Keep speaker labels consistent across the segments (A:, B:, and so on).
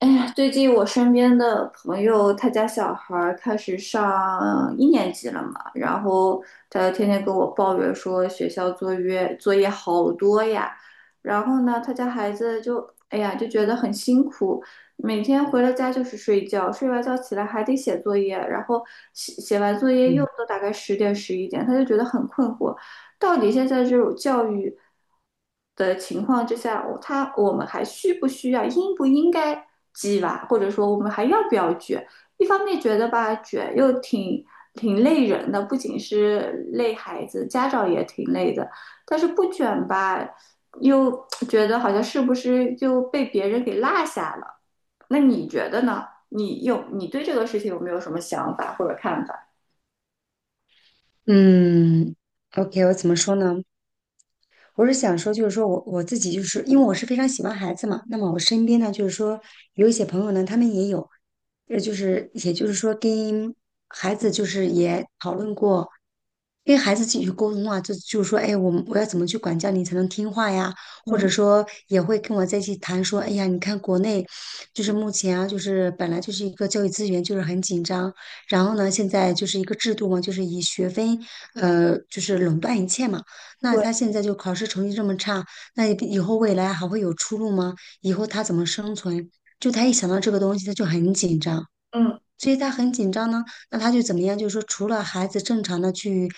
A: 哎呀，最近我身边的朋友，他家小孩儿开始上一年级了嘛，然后他天天跟我抱怨说学校作业好多呀，然后呢，他家孩子就哎呀就觉得很辛苦，每天回了家就是睡觉，睡完觉起来还得写作业，然后写完作业又
B: 嗯
A: 都大概十点十一点，他就觉得很困惑。到底现在这种教育的情况之下，我们还需不需要，应不应该鸡娃，或者说我们还要不要卷？一方面觉得吧，卷又挺累人的，不仅是累孩子，家长也挺累的。但是不卷吧，又觉得好像是不是就被别人给落下了？那你觉得呢？你对这个事情有没有什么想法或者看法？
B: 嗯，OK，我怎么说呢？我是想说，就是说我自己就是因为我是非常喜欢孩子嘛，那么我身边呢，就是说有一些朋友呢，他们也有，就是也就是说跟孩子就是也讨论过，跟孩子继续沟通啊，就是说，哎，我要怎么去管教你才能听话呀？或者
A: 嗯，
B: 说也会跟我在一起谈说，哎呀，你看国内就是目前啊，就是本来就是一个教育资源就是很紧张，然后呢，现在就是一个制度嘛，就是以学分就是垄断一切嘛。那
A: 对，
B: 他现在就考试成绩这么差，那以后未来还会有出路吗？以后他怎么生存？就他一想到这个东西，他就很紧张，
A: 嗯
B: 所以他很紧张呢。那他就怎么样？就是说，除了孩子正常的去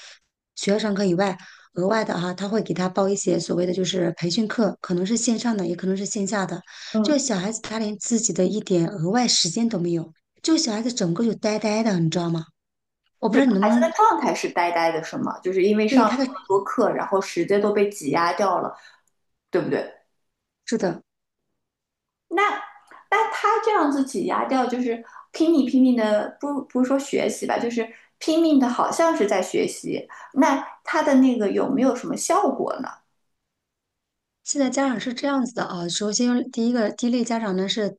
B: 学校上课以外，额外的哈、他会给他报一些所谓的就是培训课，可能是线上的，也可能是线下的。就
A: 嗯。
B: 小孩子他连自己的一点额外时间都没有，就小孩子整个就呆呆的，你知道吗？我不
A: 整
B: 知
A: 个
B: 道你能
A: 孩
B: 不
A: 子
B: 能
A: 的状态是呆呆的，是吗？就是因为上
B: 对
A: 了
B: 他的，
A: 那么多课，然后时间都被挤压掉了，对不对？
B: 是的。
A: 那那他这样子挤压掉，就是拼命的，不是说学习吧，就是拼命的，好像是在学习。那他的那个有没有什么效果呢？
B: 现在家长是这样子的啊，首先第一类家长呢是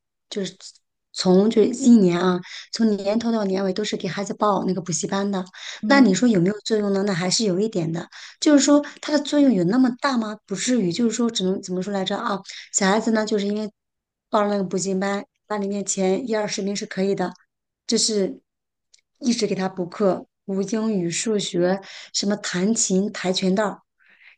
B: 从这一年啊，从年头到年尾都是给孩子报那个补习班的。那
A: 嗯，
B: 你说有没有作用呢？那还是有一点的，就是说它的作用有那么大吗？不至于，就是说只能怎么说来着啊？小孩子呢，就是因为报了那个补习班，班里面前一二十名是可以的，就是一直给他补课，补英语、数学，什么弹琴、跆拳道。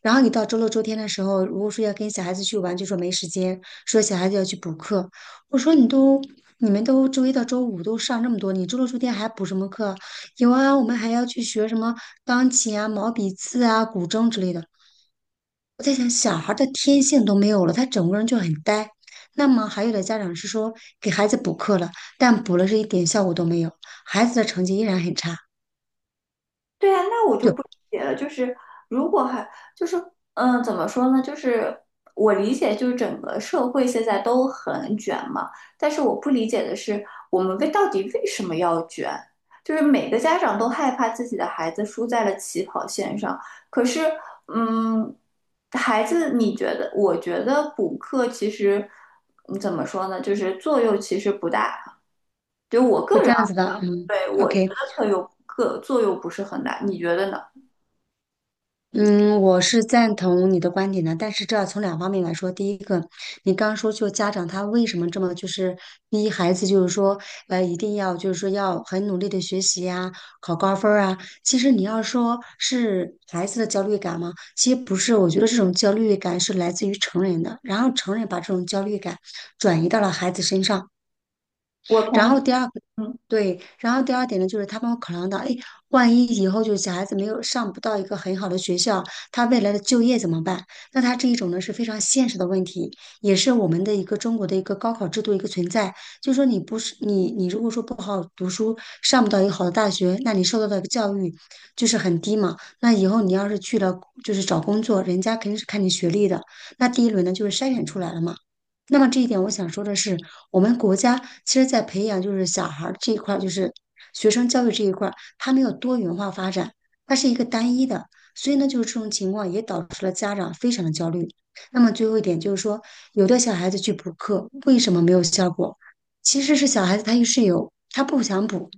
B: 然后你到周六周天的时候，如果说要跟小孩子去玩，就说没时间，说小孩子要去补课。我说你都，你们都周一到周五都上这么多，你周六周天还补什么课啊？有啊，我们还要去学什么钢琴啊、毛笔字啊、古筝之类的。我在想，小孩儿的天性都没有了，他整个人就很呆。那么还有的家长是说给孩子补课了，但补了是一点效果都没有，孩子的成绩依然很差，
A: 对啊，那我就
B: 就
A: 不理解了。就是如果还就是嗯，怎么说呢？就是我理解，就是整个社会现在都很卷嘛。但是我不理解的是，我们到底为什么要卷？就是每个家长都害怕自己的孩子输在了起跑线上。可是，嗯，孩子，你觉得？我觉得补课其实，嗯怎么说呢？就是作用其实不大。
B: 就这样子的。嗯
A: 对，我觉
B: ，OK，
A: 得课作用不是很大，你觉得呢？
B: 嗯，我是赞同你的观点的，但是这要从两方面来说。第一个，你刚刚说就家长他为什么这么就是逼孩子，就是说一定要就是说要很努力的学习呀、考高分儿啊。其实你要说是孩子的焦虑感吗？其实不是，我觉得这种焦虑感是来自于成人的，然后成人把这种焦虑感转移到了孩子身上。
A: 我
B: 然
A: 同。
B: 后第二个，
A: 嗯。
B: 对，然后第二点呢，就是他们会考量到，哎，万一以后就是小孩子没有上不到一个很好的学校，他未来的就业怎么办？那他这一种呢是非常现实的问题，也是我们的一个中国的一个高考制度一个存在。就是说你如果说不好读书，上不到一个好的大学，那你受到的教育就是很低嘛。那以后你要是去了就是找工作，人家肯定是看你学历的。那第一轮呢就是筛选出来了嘛。那么这一点，我想说的是，我们国家其实在培养就是小孩儿这一块儿，就是学生教育这一块儿，它没有多元化发展，它是一个单一的，所以呢，就是这种情况也导致了家长非常的焦虑。那么最后一点就是说，有的小孩子去补课，为什么没有效果？其实是小孩子他有是有，他不想补，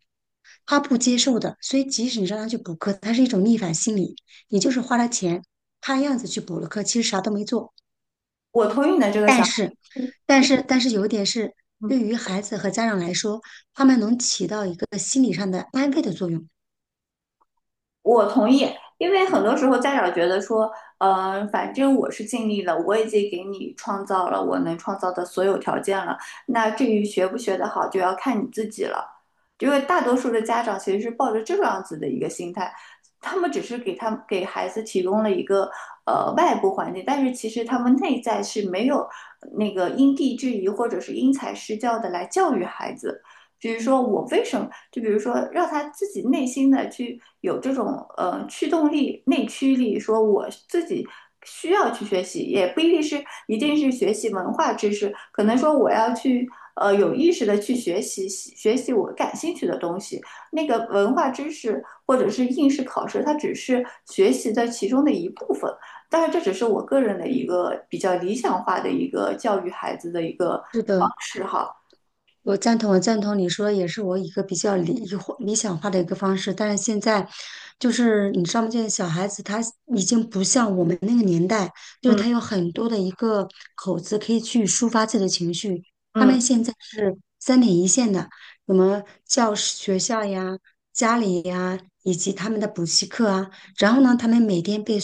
B: 他不接受的，所以即使你让他去补课，他是一种逆反心理，你就是花了钱，看样子去补了课，其实啥都没做。
A: 我同意你的这个
B: 但
A: 想法，
B: 是，
A: 嗯
B: 但是有一点是，
A: 嗯，
B: 对于孩子和家长来说，他们能起到一个心理上的安慰的作用。
A: 我同意，因为很多时候家长觉得说，反正我是尽力了，我已经给你创造了我能创造的所有条件了，那至于学不学得好，就要看你自己了。因为大多数的家长其实是抱着这样子的一个心态，他们只是给他们给孩子提供了一个外部环境，但是其实他们内在是没有那个因地制宜或者是因材施教的来教育孩子。比如说我为什么，就比如说让他自己内心的去有这种驱动力、内驱力，说我自己需要去学习，也不一定是学习文化知识，可能说我要去有意识的去学习我感兴趣的东西。那个文化知识或者是应试考试，它只是学习的其中的一部分。但是这只是我个人的一个比较理想化的一个教育孩子的一个
B: 是
A: 方
B: 的，
A: 式哈。
B: 我赞同，我赞同你说的也是我一个比较理想化的一个方式，但是现在就是你知道吗？现在小孩子他已经不像我们那个年代，就是他
A: 嗯
B: 有很多的一个口子可以去抒发自己的情绪，他
A: 嗯。
B: 们现在是三点一线的，什么教室、学校呀、家里呀，以及他们的补习课啊，然后呢，他们每天被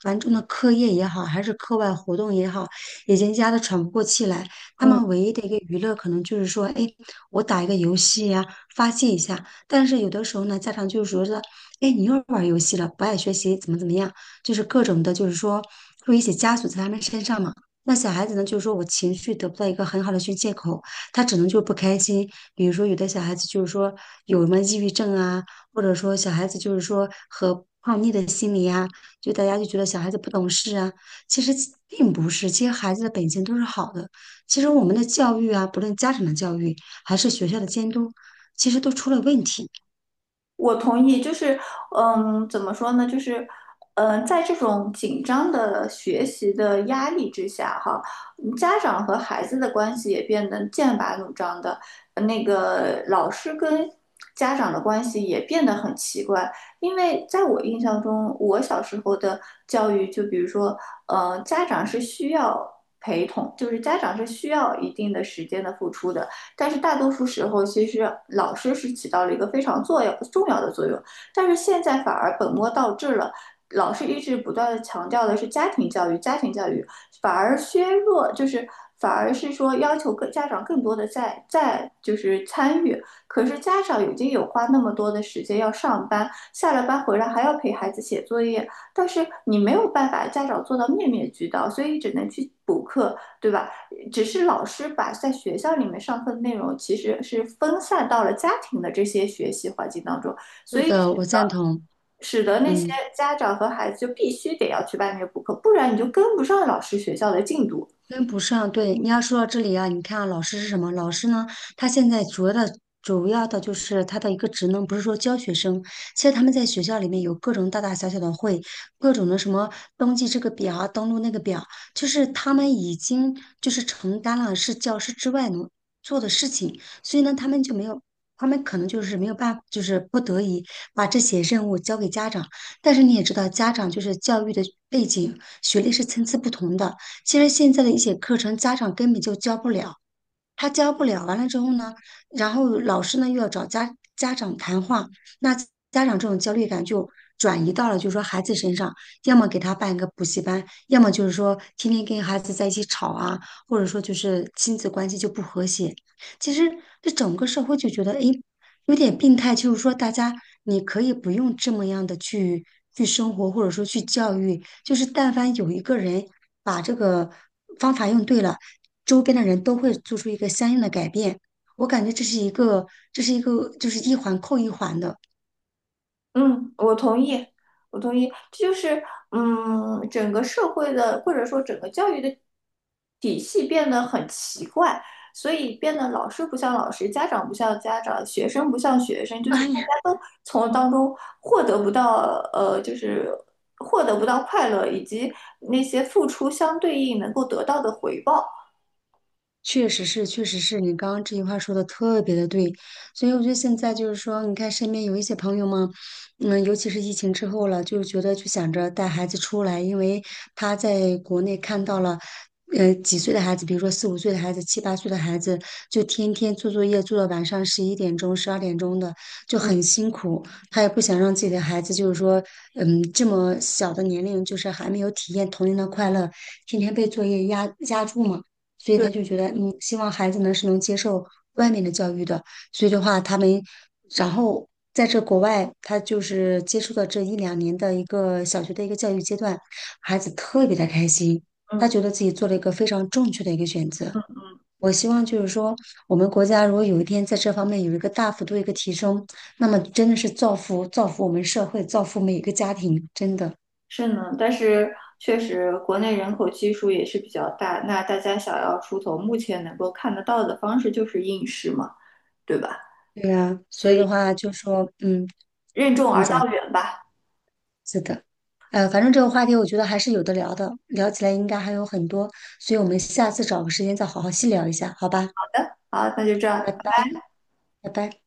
B: 繁重的课业也好，还是课外活动也好，已经压得喘不过气来。他
A: 嗯
B: 们唯一的一个娱乐可能就是说，哎，我打一个游戏呀、发泄一下。但是有的时候呢，家长就是说是，哎，你又玩游戏了，不爱学习，怎么怎么样，就是各种的，就是说会一起枷锁在他们身上嘛。那小孩子呢，就是说我情绪得不到一个很好的宣泄口，他只能就是不开心。比如说，有的小孩子就是说有什么抑郁症啊，或者说小孩子就是说和叛逆的心理啊，就大家就觉得小孩子不懂事啊，其实其并不是，其实孩子的本性都是好的，其实我们的教育啊，不论家长的教育还是学校的监督，其实都出了问题。
A: 我同意，就是，嗯，怎么说呢？就是，嗯，在这种紧张的学习的压力之下，哈，嗯家长和孩子的关系也变得剑拔弩张的，那个老师跟家长的关系也变得很奇怪。因为在我印象中，我小时候的教育，就比如说，家长是需要陪同，就是家长是需要一定的时间的付出的，但是大多数时候，其实老师是起到了一个非常重要的作用，但是现在反而本末倒置了。老师一直不断的强调的是家庭教育，家庭教育反而削弱，就是反而是说要求各家长更多的在就是参与。可是家长已经有花那么多的时间要上班，下了班回来还要陪孩子写作业，但是你没有办法，家长做到面面俱到，所以只能去补课，对吧？只是老师把在学校里面上课的内容，其实是分散到了家庭的这些学习环境当中，
B: 是的，我赞同。
A: 使得那些
B: 嗯，
A: 家长和孩子就必须得要去外面补课，不然你就跟不上老师学校的进度。
B: 跟不上，对，你要说到这里啊，你看啊，老师是什么？老师呢，他现在主要的就是他的一个职能，不是说教学生。其实他们在学校里面有各种大大小小的会，各种的什么登记这个表啊，登录那个表，就是他们已经就是承担了是教师之外能做的事情，所以呢，他们就没有。他们可能就是没有办法，就是不得已把这些任务交给家长，但是你也知道，家长就是教育的背景、学历是参差不同的，其实现在的一些课程，家长根本就教不了，他教不了，完了之后呢，然后老师呢又要找家长谈话，那家长这种焦虑感就转移到了就是说孩子身上，要么给他办一个补习班，要么就是说天天跟孩子在一起吵啊，或者说就是亲子关系就不和谐。其实这整个社会就觉得，诶，有点病态，就是说大家你可以不用这么样的去生活，或者说去教育，就是但凡有一个人把这个方法用对了。周边的人都会做出一个相应的改变。我感觉这是一个，就是一环扣一环的。
A: 嗯，我同意，我同意，这就是嗯，整个社会的或者说整个教育的体系变得很奇怪，所以变得老师不像老师，家长不像家长，学生不像学生，就是
B: 哎
A: 大
B: 呀，
A: 家都从当中获得不到就是获得不到快乐，以及那些付出相对应能够得到的回报。
B: 确实是你刚刚这句话说的特别的对，所以我觉得现在就是说，你看身边有一些朋友嘛，尤其是疫情之后了，就觉得就想着带孩子出来，因为他在国内看到了，几岁的孩子，比如说四五岁的孩子、七八岁的孩子，就天天做作业做到晚上11点钟、12点钟的，就
A: 嗯，
B: 很辛苦。他也不想让自己的孩子就是说，这么小的年龄，就是还没有体验童年的快乐，天天被作业压住嘛。所以
A: 对，
B: 他就觉得，希望孩子呢是能接受外面的教育的。所以的话，他们，然后在这国外，他就是接触的这一两年的一个小学的一个教育阶段，孩子特别的开心，他
A: 嗯
B: 觉得自己做了一个非常正确的一个选择。
A: 嗯。
B: 我希望就是说，我们国家如果有一天在这方面有一个大幅度一个提升，那么真的是造福我们社会，造福每一个家庭，真的。
A: 是呢，但是确实国内人口基数也是比较大，那大家想要出头，目前能够看得到的方式就是应试嘛，对吧？
B: 对呀，
A: 所
B: 所以
A: 以
B: 的话就说，嗯，
A: 任重
B: 你
A: 而道
B: 讲。
A: 远吧。
B: 是的，反正这个话题我觉得还是有的聊的，聊起来应该还有很多，所以我们下次找个时间再好好细聊一下，好吧？
A: 好，那就这样。
B: 拜拜，拜拜。